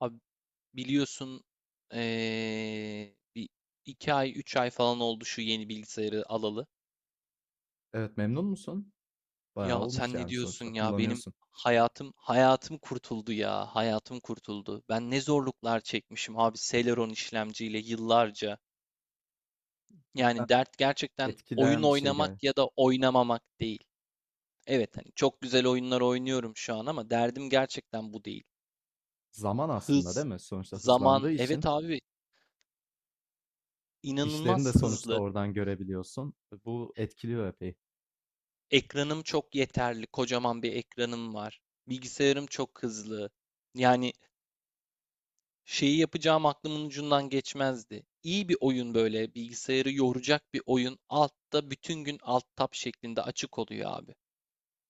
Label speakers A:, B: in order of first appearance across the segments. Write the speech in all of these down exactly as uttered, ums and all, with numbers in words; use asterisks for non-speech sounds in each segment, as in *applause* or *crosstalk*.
A: Abi biliyorsun eee, bir iki ay üç ay falan oldu şu yeni bilgisayarı alalı.
B: Evet, memnun musun? Bayağı
A: Ya
B: olmuş
A: sen ne
B: yani sonuçta
A: diyorsun ya benim
B: kullanıyorsun.
A: hayatım hayatım kurtuldu ya hayatım kurtuldu. Ben ne zorluklar çekmişim abi Celeron işlemciyle yıllarca.
B: Cidden
A: Yani dert gerçekten oyun
B: etkileyen bir şey gel.
A: oynamak ya da oynamamak değil. Evet hani çok güzel oyunlar oynuyorum şu an ama derdim gerçekten bu değil.
B: Zaman aslında değil
A: Hız,
B: mi? Sonuçta
A: zaman
B: hızlandığı için
A: evet abi
B: işlerini de
A: inanılmaz
B: sonuçta
A: hızlı.
B: oradan görebiliyorsun. Bu etkiliyor epey.
A: Ekranım çok yeterli, kocaman bir ekranım var. Bilgisayarım çok hızlı. Yani şeyi yapacağım aklımın ucundan geçmezdi. İyi bir oyun böyle, bilgisayarı yoracak bir oyun altta bütün gün alt tab şeklinde açık oluyor abi.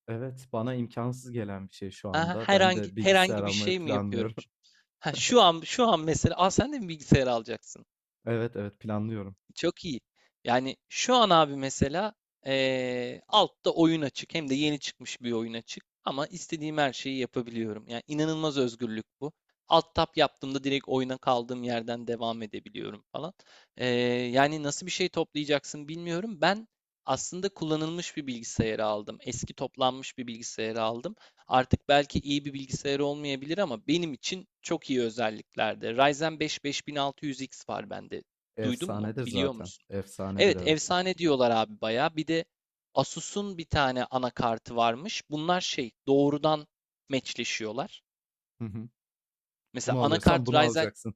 B: Evet, bana imkansız gelen bir şey şu
A: Aha,
B: anda. Ben
A: herhangi
B: de bilgisayar
A: herhangi bir
B: almayı
A: şey mi yapıyorum?
B: planlıyorum. *laughs*
A: Ha, şu an şu an mesela, aa sen de mi bilgisayar alacaksın?
B: Evet, evet planlıyorum.
A: Çok iyi. Yani şu an abi mesela eee, altta oyun açık. Hem de yeni çıkmış bir oyun açık. Ama istediğim her şeyi yapabiliyorum. Yani inanılmaz özgürlük bu. Alt tab yaptığımda direkt oyuna kaldığım yerden devam edebiliyorum falan. Eee, yani nasıl bir şey toplayacaksın bilmiyorum. Ben aslında kullanılmış bir bilgisayarı aldım. Eski toplanmış bir bilgisayarı aldım. Artık belki iyi bir bilgisayar olmayabilir ama benim için çok iyi özelliklerde. Ryzen beş beş bin altı yüz iks var bende. Duydun mu?
B: Efsanedir
A: Biliyor
B: zaten.
A: musun?
B: Efsanedir
A: Evet,
B: evet.
A: efsane diyorlar abi bayağı. Bir de Asus'un bir tane anakartı varmış. Bunlar şey, doğrudan meçleşiyorlar.
B: Hı hı.
A: Mesela
B: Bunu alıyorsan
A: anakart
B: bunu
A: Ryzen.
B: alacaksın.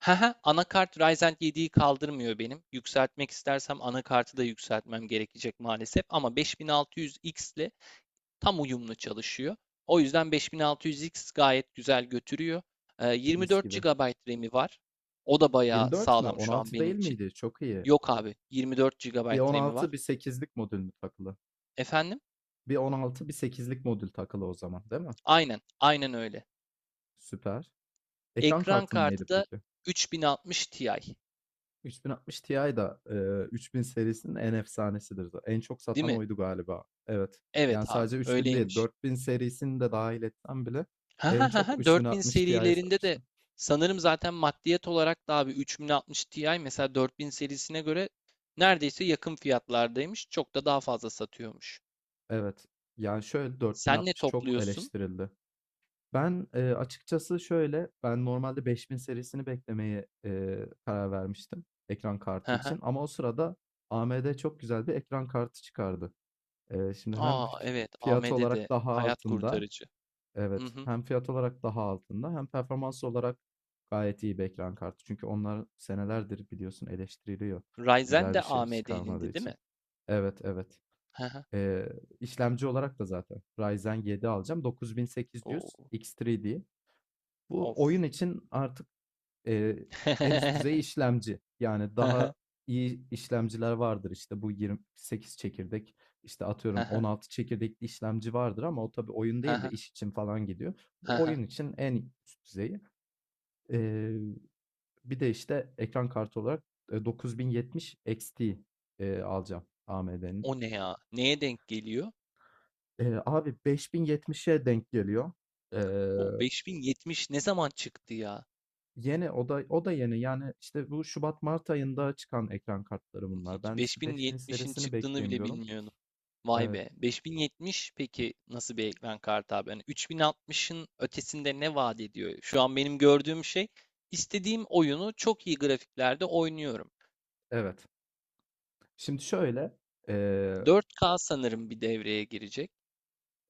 A: Haha, anakart Ryzen yediyi kaldırmıyor benim. Yükseltmek istersem anakartı da yükseltmem gerekecek maalesef. Ama beş bin altı yüz iks ile tam uyumlu çalışıyor. O yüzden beş bin altı yüz iks gayet güzel götürüyor. Ee,
B: Mis
A: 24
B: gibi.
A: GB RAM'i var. O da bayağı
B: yirmi dört mü?
A: sağlam şu an
B: on altı
A: benim
B: değil
A: için.
B: miydi? Çok iyi.
A: Yok abi. yirmi dört
B: Bir
A: gigabayt RAM'i var.
B: on altı bir sekizlik modül mü takılı?
A: Efendim?
B: Bir on altı bir sekizlik modül takılı o zaman değil mi?
A: Aynen. Aynen öyle.
B: Süper. Ekran
A: Ekran
B: kartın neydi
A: kartı da
B: peki?
A: üç bin altmış Ti.
B: otuz altmış Ti da eee, üç bin serisinin en efsanesidir. za- En çok
A: Değil
B: satan
A: mi?
B: oydu galiba. Evet.
A: Evet
B: Yani
A: abi.
B: sadece üç bin değil
A: Öyleymiş.
B: dört bin serisini de dahil etsem bile
A: Ha
B: en
A: ha ha
B: çok
A: ha. dört bin
B: otuz altmış Ti'yi
A: serilerinde de
B: satmıştı.
A: sanırım zaten maddiyet olarak da abi üç bin altmış Ti mesela dört bin serisine göre neredeyse yakın fiyatlardaymış. Çok da daha fazla satıyormuş.
B: Evet. Yani şöyle
A: Sen ne
B: kırk altmış çok
A: topluyorsun?
B: eleştirildi. Ben, eee, açıkçası şöyle, ben normalde beş bin serisini beklemeye, eee, karar vermiştim ekran
A: Hı
B: kartı
A: hı.
B: için ama o sırada A M D çok güzel bir ekran kartı çıkardı. Eee, şimdi hem
A: Aa
B: fi
A: evet
B: fiyat olarak
A: A M D'de
B: daha
A: hayat
B: altında.
A: kurtarıcı. Hı
B: Evet,
A: hı.
B: hem fiyat olarak daha altında hem performans olarak gayet iyi bir ekran kartı. Çünkü onlar senelerdir biliyorsun eleştiriliyor
A: Ryzen
B: güzel bir
A: de
B: şey çıkarmadığı
A: A M D'nindi değil
B: için.
A: mi?
B: Evet, evet.
A: Hı hı.
B: Eee, işlemci olarak da zaten Ryzen yedi alacağım. dokuz bin sekiz yüz
A: Oo.
B: X üç D. Bu
A: Of.
B: oyun için artık, eee, en üst düzey
A: *laughs*
B: işlemci. Yani daha iyi işlemciler vardır. İşte bu yirmi sekiz çekirdek, işte atıyorum on altı çekirdekli işlemci vardır ama o tabii oyun değil de iş için falan gidiyor. Bu oyun için en üst düzeyi. Eee, bir de işte ekran kartı olarak, eee, dokuz bin yetmiş X T, eee, alacağım
A: O
B: A M D'nin.
A: ne ya? Neye denk geliyor?
B: Eee, abi beş bin yetmişe denk geliyor.
A: Bu
B: Eee
A: beş bin yetmiş ne zaman çıktı ya?
B: Yeni o da o da yeni. Yani işte bu Şubat Mart ayında çıkan ekran kartları bunlar.
A: Hiç
B: Ben işte beş bin
A: beş bin yetmişin
B: serisini
A: çıktığını
B: bekleyeyim
A: bile
B: diyorum.
A: bilmiyordum. Vay
B: Evet,
A: be. beş bin yetmiş peki nasıl bir ekran kartı abi? Hani üç bin altmışın ötesinde ne vaat ediyor? Şu an benim gördüğüm şey istediğim oyunu çok iyi grafiklerde oynuyorum.
B: evet. Şimdi şöyle,
A: dört ka sanırım bir devreye girecek.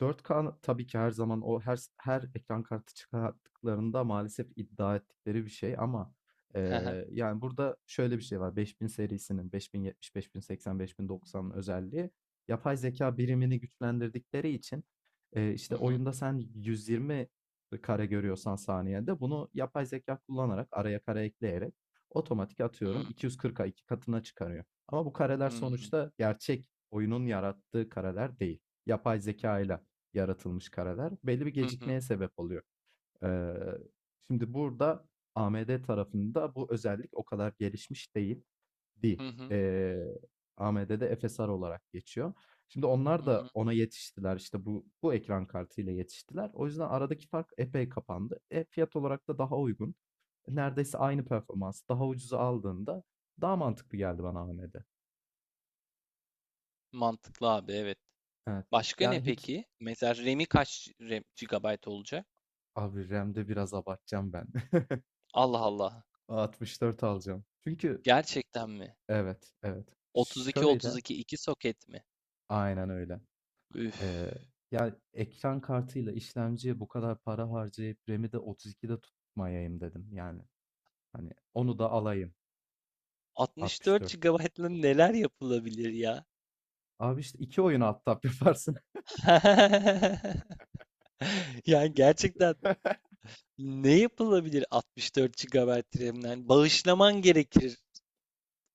B: Dört k tabii ki her zaman o her her ekran kartı çıkarttıklarında maalesef iddia ettikleri bir şey ama, eee,
A: *laughs*
B: yani, burada şöyle bir şey var. beş bin serisinin elli yetmiş, elli seksen, elli doksanın özelliği yapay zeka birimini güçlendirdikleri için, eee,
A: Hı
B: işte,
A: hı.
B: oyunda sen yüz yirmi kare görüyorsan saniyede bunu yapay zeka kullanarak araya kare ekleyerek otomatik
A: Hı
B: atıyorum
A: hı.
B: iki yüz kırka iki katına çıkarıyor. Ama bu kareler
A: Hı hı.
B: sonuçta gerçek oyunun yarattığı kareler değil. Yapay zekâyla yaratılmış kareler belli bir
A: Hı hı. Hı hı.
B: gecikmeye sebep oluyor. Eee, şimdi burada A M D tarafında bu özellik o kadar gelişmiş değildi.
A: Hı hı.
B: Eee, A M D'de F S R olarak geçiyor. Şimdi onlar
A: Hı
B: da
A: hı.
B: ona yetiştiler. İşte bu bu ekran kartıyla yetiştiler. O yüzden aradaki fark epey kapandı. E, fiyat olarak da daha uygun. Neredeyse aynı performans. Daha ucuza aldığında daha mantıklı geldi bana A M D.
A: Mantıklı abi evet.
B: Evet.
A: Başka ne
B: Yani hiç
A: peki? Mesela RAM'i kaç RAM, gigabayt olacak?
B: abi RAM'de biraz abartacağım ben. *laughs*
A: Allah Allah.
B: altmış dört alacağım. Çünkü
A: Gerçekten mi?
B: Evet, evet.
A: otuz iki
B: Şöyle,
A: 32 iki iki soket mi?
B: aynen öyle.
A: Üf.
B: Eee, ya ekran kartıyla işlemciye bu kadar para harcayıp RAM'i de otuz ikide tutmayayım dedim. Yani hani onu da alayım
A: altmış dört
B: altmış dörtlük.
A: gigabaytla neler yapılabilir ya?
B: Abi işte iki oyun alt tab yaparsın.
A: *laughs* Yani gerçekten
B: *laughs*
A: ne yapılabilir altmış dört gigabayt RAM'den? Bağışlaman gerekir.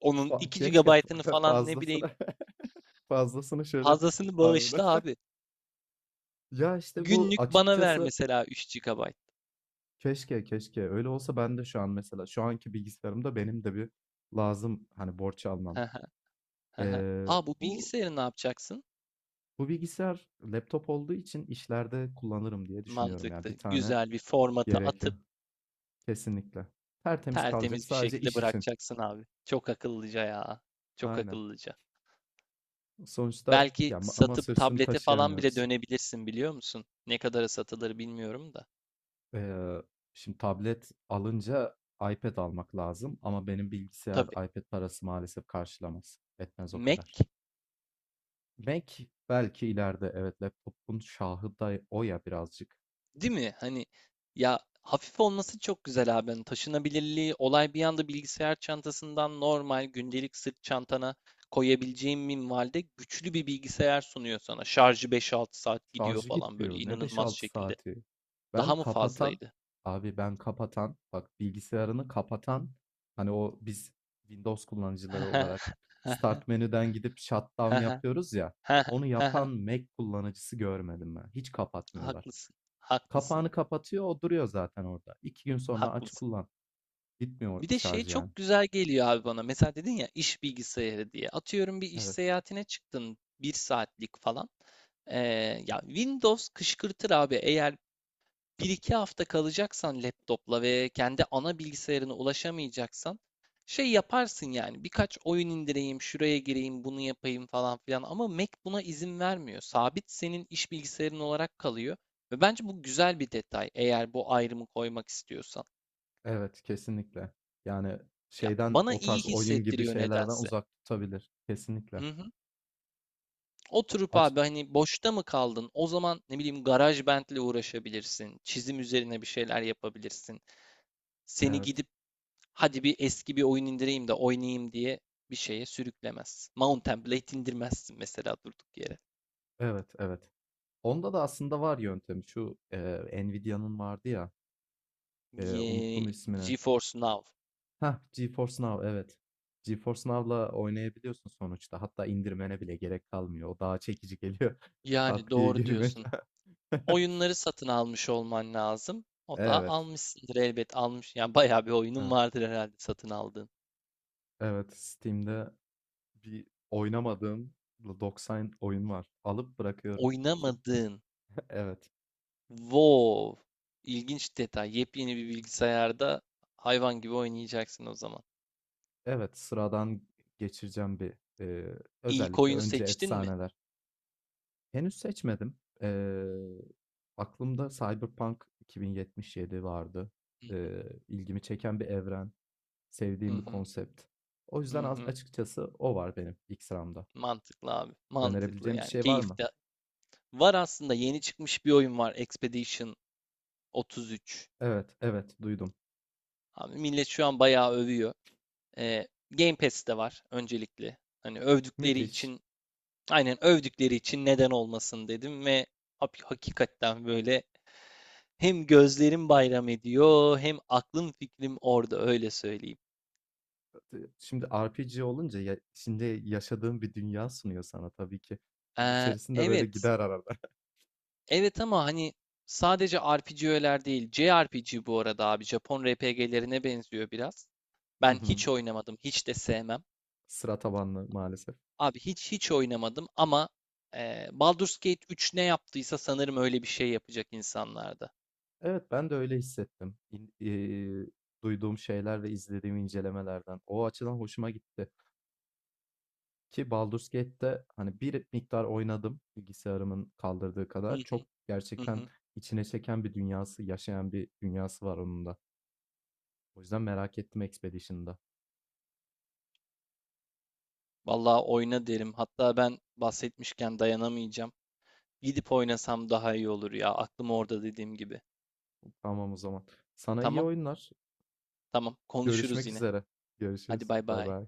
A: Onun
B: Fa-
A: iki
B: Keşke
A: gigabaytını
B: fa- *laughs*
A: falan ne bileyim
B: fazlasını *laughs* fazlasını şöyle
A: fazlasını
B: harbiden.
A: bağışla
B: *laughs*
A: abi.
B: Ya işte bu
A: Günlük bana ver
B: açıkçası
A: mesela üç gigabayt.
B: keşke keşke öyle olsa ben de şu an mesela şu anki bilgisayarımda benim de bir lazım hani borç almam.
A: Hı hı.
B: Ee,
A: A, bu
B: bu
A: bilgisayarı ne yapacaksın?
B: Bu bilgisayar laptop olduğu için işlerde kullanırım diye düşünüyorum ya.
A: Mantıklı.
B: Bir tane
A: Güzel bir formata
B: gerekiyor.
A: atıp
B: Kesinlikle. Tertemiz kalacak
A: tertemiz bir
B: sadece
A: şekilde
B: iş için.
A: bırakacaksın abi. Çok akıllıca ya. Çok
B: Aynen.
A: akıllıca.
B: Sonuçta
A: Belki
B: ya ma-
A: satıp
B: masaüstünü
A: tablete falan bile
B: taşıyamıyoruz.
A: dönebilirsin biliyor musun? Ne kadara satılır bilmiyorum da.
B: Ee, şimdi tablet alınca iPad almak lazım ama benim bilgisayar
A: Tabii.
B: iPad parası maalesef karşılamaz. Etmez o kadar.
A: Mac.
B: Mac belki ileride evet laptopun şahı da o ya birazcık.
A: Değil mi? Hani ya hafif olması çok güzel abi. Hani taşınabilirliği, olay bir anda bilgisayar çantasından normal gündelik sırt çantana koyabileceğin minvalde güçlü bir bilgisayar sunuyor sana. Şarjı beş altı saat gidiyor
B: Şarjı
A: falan böyle
B: gitmiyor. Ne beş
A: inanılmaz
B: altı
A: şekilde.
B: saati? Ben
A: Daha mı
B: kapatan,
A: fazlaydı?
B: abi ben kapatan, bak bilgisayarını kapatan, hani o biz Windows kullanıcıları olarak start
A: *laughs*
B: menüden gidip shutdown yapıyoruz ya, onu yapan Mac kullanıcısı görmedim ben. Hiç kapatmıyorlar.
A: Haklısın, haklısın,
B: Kapağını kapatıyor, o duruyor zaten orada. İki gün sonra aç
A: haklısın.
B: kullan. Bitmiyor
A: Bir de şey
B: şarj yani.
A: çok güzel geliyor abi bana. Mesela dedin ya iş bilgisayarı diye. Atıyorum bir iş
B: Evet,
A: seyahatine çıktın bir saatlik falan. Ee, ya Windows kışkırtır abi. Eğer bir iki hafta kalacaksan laptopla ve kendi ana bilgisayarına ulaşamayacaksan şey yaparsın yani. Birkaç oyun indireyim, şuraya gireyim, bunu yapayım falan filan. Ama Mac buna izin vermiyor. Sabit senin iş bilgisayarın olarak kalıyor. Ve bence bu güzel bir detay eğer bu ayrımı koymak istiyorsan.
B: evet kesinlikle. Yani
A: Ya
B: şeyden
A: bana
B: o
A: iyi
B: tarz oyun gibi
A: hissettiriyor
B: şeylerden
A: nedense.
B: uzak tutabilir. Kesinlikle.
A: Hı hı. Oturup
B: Aç,
A: abi hani boşta mı kaldın? O zaman ne bileyim GarageBand'le uğraşabilirsin. Çizim üzerine bir şeyler yapabilirsin. Seni
B: evet.
A: gidip hadi bir eski bir oyun indireyim de oynayayım diye bir şeye sürüklemez. Mountain Blade indirmezsin mesela durduk yere.
B: Evet, evet. Onda da aslında var yöntemi. Şu, eee, Nvidia'nın vardı ya, eee,
A: Ye-
B: unuttum ismini.
A: GeForce Now.
B: Hah, GeForce Now, evet. GeForce Now'la oynayabiliyorsun sonuçta. Hatta indirmene bile gerek kalmıyor. O daha çekici geliyor. *laughs*
A: Yani
B: Tak diye
A: doğru
B: girmek.
A: diyorsun.
B: *laughs*
A: Oyunları satın almış olman lazım. O da
B: Evet,
A: almışsındır elbet almış. Yani bayağı bir oyunun
B: evet,
A: vardır herhalde satın aldığın.
B: evet. Steam'de bir oynamadığım doksan oyun var. Alıp bırakıyorum. İşte,
A: Oynamadığın.
B: evet,
A: Wow. İlginç detay. Yepyeni bir bilgisayarda hayvan gibi oynayacaksın o zaman.
B: evet. Sıradan geçireceğim bir, eee,
A: İlk
B: özellikle
A: oyunu
B: önce
A: seçtin mi?
B: efsaneler. Henüz seçmedim. Eee, aklımda Cyberpunk iki bin yetmiş yedi vardı. Eee, ilgimi çeken bir evren,
A: Hı
B: sevdiğim bir
A: hı.
B: konsept. O yüzden
A: Hı
B: az
A: hı.
B: açıkçası o var benim ilk sıramda.
A: Mantıklı abi. Mantıklı
B: Önerebileceğim bir
A: yani.
B: şey var mı?
A: Keyifte. Var aslında yeni çıkmış bir oyun var. Expedition otuz üç.
B: Evet, evet duydum.
A: Abi millet şu an bayağı övüyor. Ee, Game Pass'te var öncelikle. Hani övdükleri
B: Müthiş.
A: için aynen övdükleri için neden olmasın dedim ve hak- hakikaten böyle. Hem gözlerim bayram ediyor, hem aklım fikrim orada öyle söyleyeyim.
B: Iıı, Şimdi R P G olunca ya, şimdi yaşadığım bir dünya sunuyor sana tabii ki. Gün
A: Ee,
B: içerisinde böyle
A: evet.
B: gider arada. *laughs*
A: Evet ama hani sadece R P G'ler değil, J R P G bu arada abi. Japon R P G'lerine benziyor biraz.
B: Hı
A: Ben
B: hı.
A: hiç oynamadım, hiç de sevmem.
B: Sıra tabanlı maalesef.
A: Abi hiç hiç oynamadım ama e, Baldur's Gate üç ne yaptıysa sanırım öyle bir şey yapacak insanlarda.
B: Evet, ben de öyle hissettim. İn- eee, duyduğum şeyler ve izlediğim incelemelerden. O açıdan hoşuma gitti. Ki Baldur's Gate'te hani bir miktar oynadım bilgisayarımın kaldırdığı
A: Hı
B: kadar.
A: hı
B: Çok
A: hı
B: gerçekten
A: hı.
B: içine çeken bir dünyası, yaşayan bir dünyası var onun da. O yüzden merak ettim Expedition'da.
A: Vallahi oyna derim. Hatta ben bahsetmişken dayanamayacağım. Gidip oynasam daha iyi olur ya. Aklım orada dediğim gibi.
B: Tamam o zaman. Sana iyi
A: Tamam.
B: oyunlar.
A: Tamam, konuşuruz
B: Görüşmek
A: yine.
B: üzere.
A: Hadi
B: Görüşürüz.
A: bay
B: Bay
A: bay.
B: bay.